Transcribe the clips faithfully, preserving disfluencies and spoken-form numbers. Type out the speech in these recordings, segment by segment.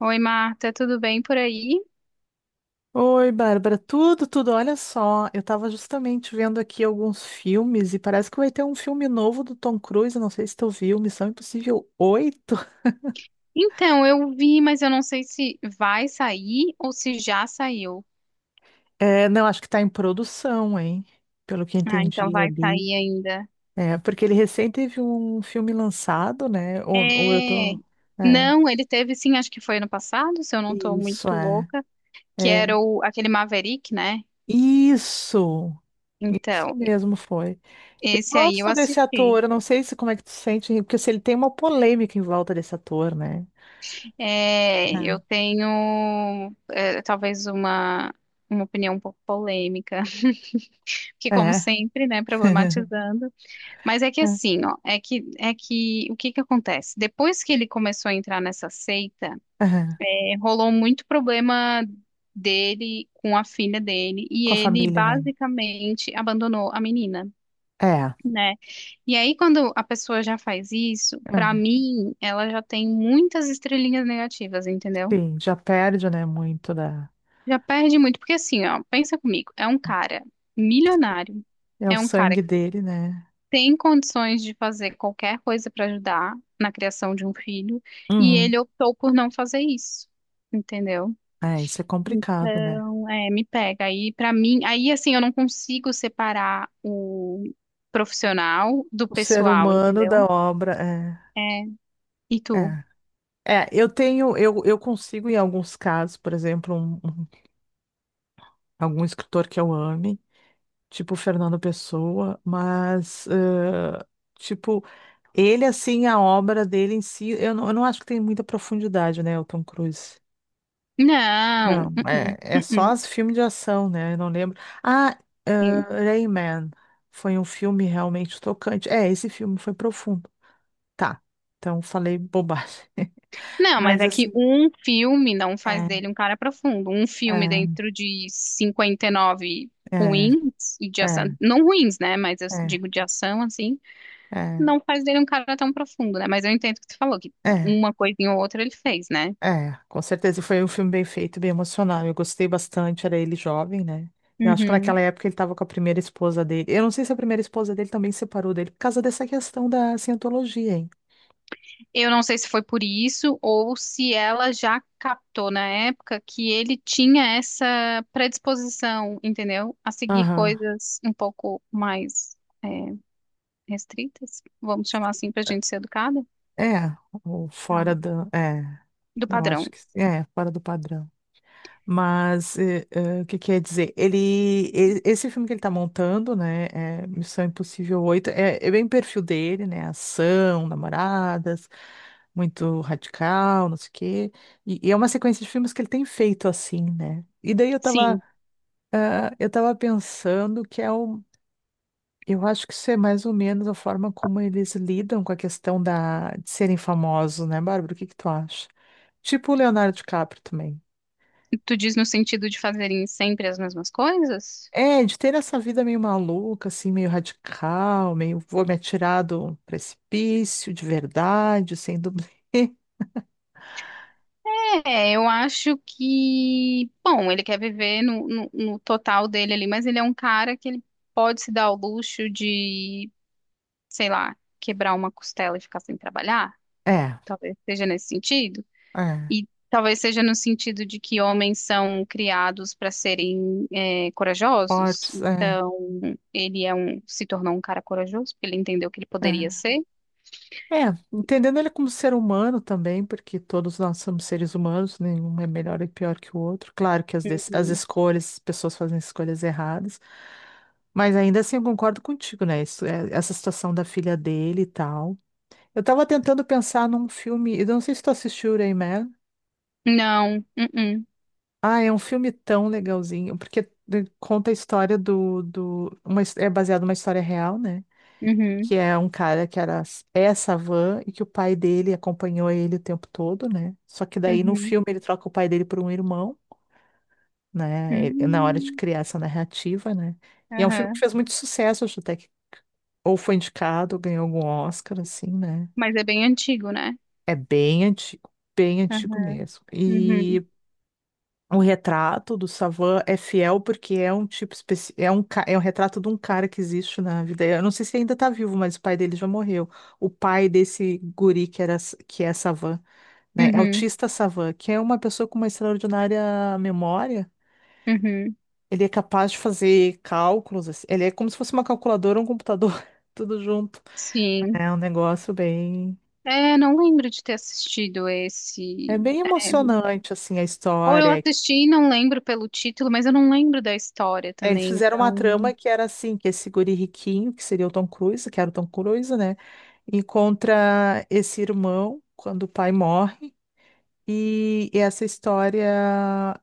Oi, Marta, tudo bem por aí? Oi, Bárbara, tudo, tudo. Olha só, eu tava justamente vendo aqui alguns filmes e parece que vai ter um filme novo do Tom Cruise. Não sei se tu viu, Missão Impossível oito. Então, eu vi, mas eu não sei se vai sair ou se já saiu. É, não, acho que tá em produção, hein? Pelo que Ah, então entendi vai ali. sair ainda. É, porque ele recém teve um filme lançado, né? Ou, ou eu É. tô. É, Não, ele teve sim, acho que foi ano passado, se eu não tô isso, muito é. louca, que É, era o, aquele Maverick, né? isso. Isso Então, mesmo foi. Eu esse aí eu gosto desse assisti. ator, eu não sei se como é que tu sente, porque se ele tem uma polêmica em volta desse ator, né? É, eu tenho é, talvez uma, uma opinião um pouco polêmica, que como É. sempre, né, problematizando. Mas é que É, assim, ó, é que é que o que que acontece? Depois que ele começou a entrar nessa seita, é. é, rolou muito problema dele com a filha dele e Com a ele família, né? basicamente abandonou a menina, É. né? E aí quando a pessoa já faz isso, pra É. mim, ela já tem muitas estrelinhas negativas, entendeu? Sim, já perde, né? Muito da. Já perde muito, porque assim, ó, pensa comigo, é um cara milionário, É o é um cara sangue dele, né? tem condições de fazer qualquer coisa para ajudar na criação de um filho, e Uhum. ele optou por não fazer isso, entendeu? É, isso é complicado, né? Então, é, me pega. Aí, para mim, aí assim, eu não consigo separar o profissional do O ser pessoal, humano da entendeu? obra é. É. E tu? É, é eu tenho, eu, eu consigo, em alguns casos, por exemplo, um, um- algum escritor que eu ame, tipo Fernando Pessoa, mas, eh, tipo, ele, assim, a obra dele em si, eu não, eu não acho que tem muita profundidade, né, o Tom Cruise. Não. Não, é, Uh-uh, é só uh-uh. os filmes de ação, né? Eu não lembro. Ah, ah, Rayman. Foi um filme realmente tocante. É, esse filme foi profundo. Tá. Então falei bobagem. Não, mas Mas é que assim, um filme não faz é, dele um cara profundo. Um filme é, dentro de cinquenta e nove é, ruins e de é, ação, não ruins, né? Mas eu digo de ação assim, é, é, não faz dele um cara tão profundo, né? Mas eu entendo o que tu falou, que é, uma coisinha ou outra ele fez, né? é. Com certeza foi um filme bem feito, bem emocional. Eu gostei bastante, era ele jovem, né? Eu acho que naquela Uhum. época ele estava com a primeira esposa dele. Eu não sei se a primeira esposa dele também se separou dele por causa dessa questão da cientologia, hein? Eu não sei se foi por isso ou se ela já captou na época que ele tinha essa predisposição, entendeu? A seguir Aham. coisas um pouco mais é, restritas, vamos chamar assim para a gente ser educada, É, ou tá, fora da. É, do eu padrão. acho que é, fora do padrão. Mas eh, eh, o que quer dizer? Ele, e- esse filme que ele está montando, né? É Missão Impossível oito, é, é bem o perfil dele, né? Ação, namoradas, muito radical, não sei o quê. E, e é uma sequência de filmes que ele tem feito assim, né? E daí eu tava, Sim, ah, eu tava pensando que é o eu acho que isso é mais ou menos a forma como eles lidam com a questão da... de serem famosos, né, Bárbara? O que que tu acha? Tipo o Leonardo DiCaprio também. tu diz no sentido de fazerem sempre as mesmas coisas? É, de ter essa vida meio maluca, assim, meio radical, meio vou me atirar do precipício, de verdade, sem dublê. É, eu acho que, bom, ele quer viver no, no, no total dele ali, mas ele é um cara que ele pode se dar o luxo de, sei lá, quebrar uma costela e ficar sem trabalhar. É, Talvez seja nesse sentido. é, E talvez seja no sentido de que homens são criados para serem é, corajosos. fortes, é, Então, ele é um, se tornou um cara corajoso porque ele entendeu que ele poderia é. ser. É, entendendo ele como ser humano também, porque todos nós somos seres humanos, nenhum é melhor e pior que o outro. Claro que as, des- as Uhum. escolhas, as pessoas fazem escolhas erradas, mas ainda assim eu concordo contigo, né? Isso, é- essa situação da filha dele e tal. Eu tava tentando pensar num filme, eu não sei se tu assistiu Rain Man. Não. Uhum. Ah, é um filme tão legalzinho, porque eh, conta a história do, do uma, his- é baseado numa história real, né? Que Uhum. é um cara que era essa van e que o pai dele acompanhou ele o tempo todo, né? Só que daí no Uhum. filme ele troca o pai dele por um irmão, né? Ele- Na hora de Uhum. criar essa narrativa, né? E é um filme que Aham. fez muito sucesso, acho até que ou foi indicado, ganhou algum Oscar, assim, né? Mas é bem antigo, né? É bem antigo, bem antigo Aham. mesmo. Uhum. E o retrato do Savan é fiel porque é um tipo especi... é um ca- é um retrato de um cara que existe na vida. Eu não sei se ainda tá vivo, mas o pai dele já morreu. O pai desse guri que era que é Savan, né? É Uhum. Autista Savan, que é uma pessoa com uma extraordinária memória. Uhum. Ele é capaz de fazer cálculos, assim. Ele é como se fosse uma calculadora, um computador, tudo junto. Sim. É um negócio bem. É, não lembro de ter assistido esse. É bem emocionante assim a Ou eu história. assisti e não lembro pelo título, mas eu não lembro da história É, eles também, fizeram uma então. trama que era assim, que esse guri riquinho, que seria o Tom Cruise, que era o Tom Cruise, né? Encontra esse irmão quando o pai morre e, e essa história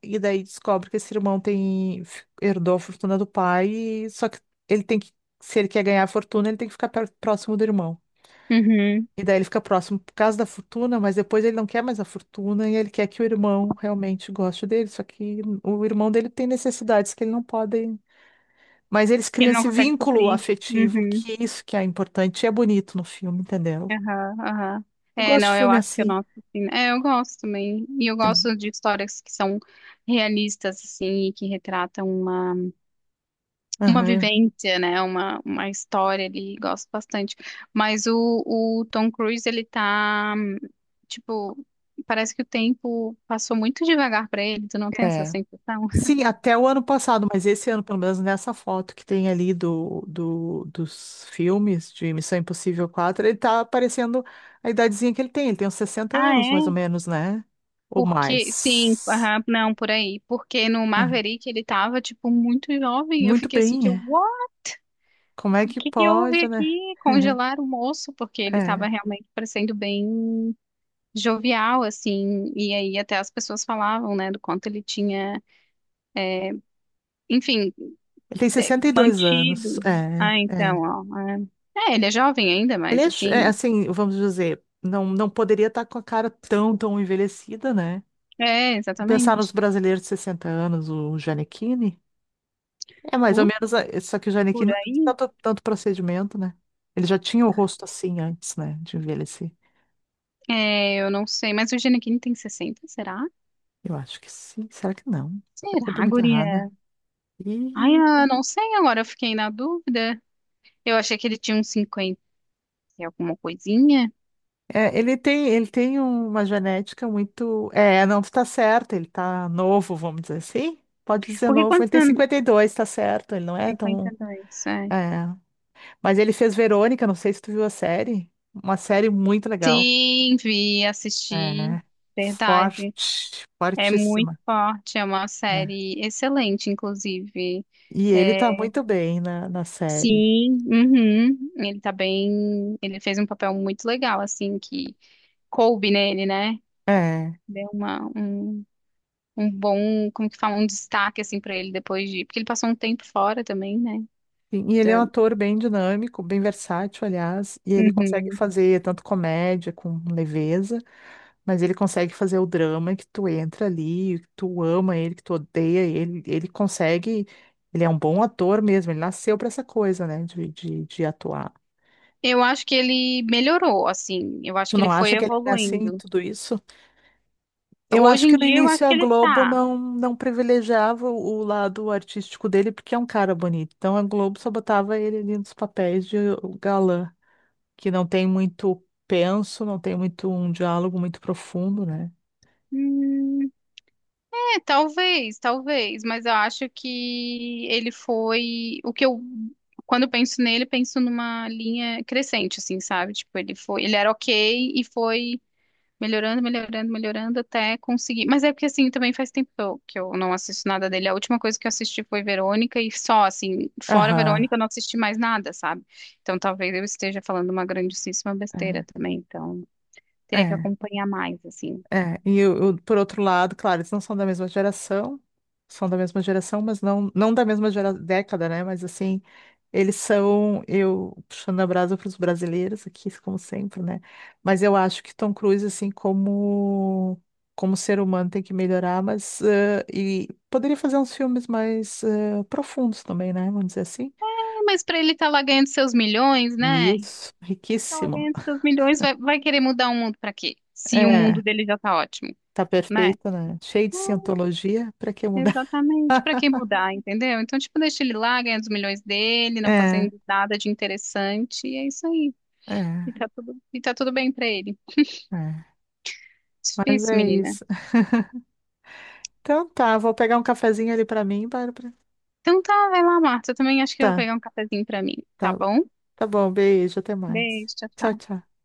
e daí descobre que esse irmão tem f- herdou a fortuna do pai, e- só que ele tem que se ele quer ganhar a fortuna, ele tem que ficar per- próximo do irmão. Uhum. E daí ele fica próximo por causa da fortuna, mas depois ele não quer mais a fortuna e ele quer que o irmão realmente goste dele, só que o irmão dele tem necessidades que ele não pode, mas eles Que criam ele não esse consegue vínculo suprir. afetivo, Uhum, que é isso que é importante. E é bonito no filme, entendeu? aham, aham. Eu É, gosto de não, eu filme acho que eu assim. noto, assim. É, eu gosto também. E eu Que- gosto de histórias que são realistas, assim, e que retratam uma, uma Aham. vivência, né? Uma, uma história ali. Gosto bastante. Mas o, o Tom Cruise, ele tá, tipo, parece que o tempo passou muito devagar pra ele. Tu não tem essa É. sensação? Sim, até o ano passado, mas esse ano, pelo menos nessa foto que tem ali do, do- dos filmes de Missão Impossível quatro, ele tá aparecendo a idadezinha que ele tem. Ele tem uns sessenta Ah, anos, mais ou é? menos, né? Ou Porque, sim, mais. aham, não, por aí. Porque no É. Maverick ele tava, tipo, muito jovem. Eu Muito fiquei assim, bem, tipo, é. "Uau, Como é o que que que houve pode, né? aqui? Congelaram o moço, porque ele tava É. realmente parecendo bem jovial, assim." E aí até as pessoas falavam, né, do quanto ele tinha, enfim, Ele tem é, sessenta e dois anos. mantido. É, Ah, então, é. ó. É, é, ele é jovem ainda, Ele mas é, ch- é, assim, assim, vamos dizer, não, não poderia estar com a cara tão, tão envelhecida, né? é, Pensar nos exatamente. brasileiros de sessenta anos, o Gianecchini. É mais ou Por, menos, a- só que o por Gianecchini não fez aí, tanto, tanto procedimento, né? Ele já tinha o rosto assim antes, né, de envelhecer. é, eu não sei. Mas o Gene Kim tem sessenta, será? Eu acho que sim. Será que não? Será que eu tô Será, muito errada? guria? Ai, Ih, ah, não sei agora, eu fiquei na dúvida. Eu achei que ele tinha uns cinquenta e alguma coisinha. é, ele tem, ele tem uma genética muito. É, não, tu tá certo, ele tá novo, vamos dizer assim. Pode dizer Porque novo, ele quantos tem anos? cinquenta e dois, tá certo, ele não é cinquenta e tão. dois, é. É. Mas ele fez Verônica, não sei se tu viu a série. Uma série muito legal. Sim, vi, assisti. É. Verdade. Forte, É muito fortíssima, forte, é uma né? série excelente, inclusive. E ele tá É, muito bem na, na série. sim, uhum. Ele tá bem. Ele fez um papel muito legal, assim, que coube nele, né? É. Deu uma, um, um bom, como que fala, um destaque, assim, pra ele depois de. Porque ele passou um tempo fora também, né? E e ele é um ator bem dinâmico, bem versátil, aliás, e ele consegue Uhum. fazer tanto comédia com leveza, mas ele consegue fazer o drama que tu entra ali, que tu ama ele, que tu odeia ele, ele consegue, ele é um bom ator mesmo, ele nasceu pra essa coisa, né, de, de, de atuar. Eu acho que ele melhorou, assim. Eu acho Tu que ele não foi acha que ele é assim, em evoluindo. tudo isso? Eu acho Hoje em que no dia, eu acho início a que ele Globo tá. não, não privilegiava o lado artístico dele, porque é um cara bonito. Então a Globo só botava ele ali nos papéis de galã, que não tem muito penso, não tem muito um diálogo muito profundo, né? Hum, é, talvez, talvez, mas eu acho que ele foi o que eu quando eu penso nele, eu penso numa linha crescente, assim, sabe? Tipo, ele foi, ele era ok e foi melhorando, melhorando, melhorando até conseguir. Mas é porque assim, também faz tempo que eu, que eu não assisto nada dele. A última coisa que eu assisti foi Verônica e só, assim, fora Aham. Verônica, eu não assisti mais nada, sabe? Então talvez eu esteja falando uma grandíssima besteira também. Então É. teria que É. acompanhar mais, assim. É, e eu, eu, por outro lado, claro, eles não são da mesma geração, são da mesma geração, mas não, não da mesma gera- década, né? Mas assim, eles são, eu puxando a brasa para os brasileiros aqui, como sempre, né? Mas eu acho que Tom Cruise, assim, como, como ser humano, tem que melhorar, mas eh, e poderia fazer uns filmes mais eh, profundos também, né? Vamos dizer assim. É, mas pra ele estar lá ganhando seus milhões, né? Isso, Tá lá riquíssimo. ganhando seus milhões, vai, vai querer mudar o mundo pra quê? Se o É, mundo dele já tá ótimo, tá né? perfeito, né? Cheio de cientologia, para que mudar? Exatamente, para que mudar, entendeu? Então, tipo, deixa ele lá, ganha os milhões dele, não É, fazendo nada de interessante, e é isso aí. E é. tá tudo, e tá tudo bem para ele. É, mas Difícil, é menina. isso. Então tá, vou pegar um cafezinho ali pra mim, Bárbara. Então tá, vai lá, Marta. Eu também acho que eu vou Tá, pegar um cafezinho para mim, tá tá, bom? tá bom, beijo, até mais. Beijo, tchau. Tchau, Tchau. tchau.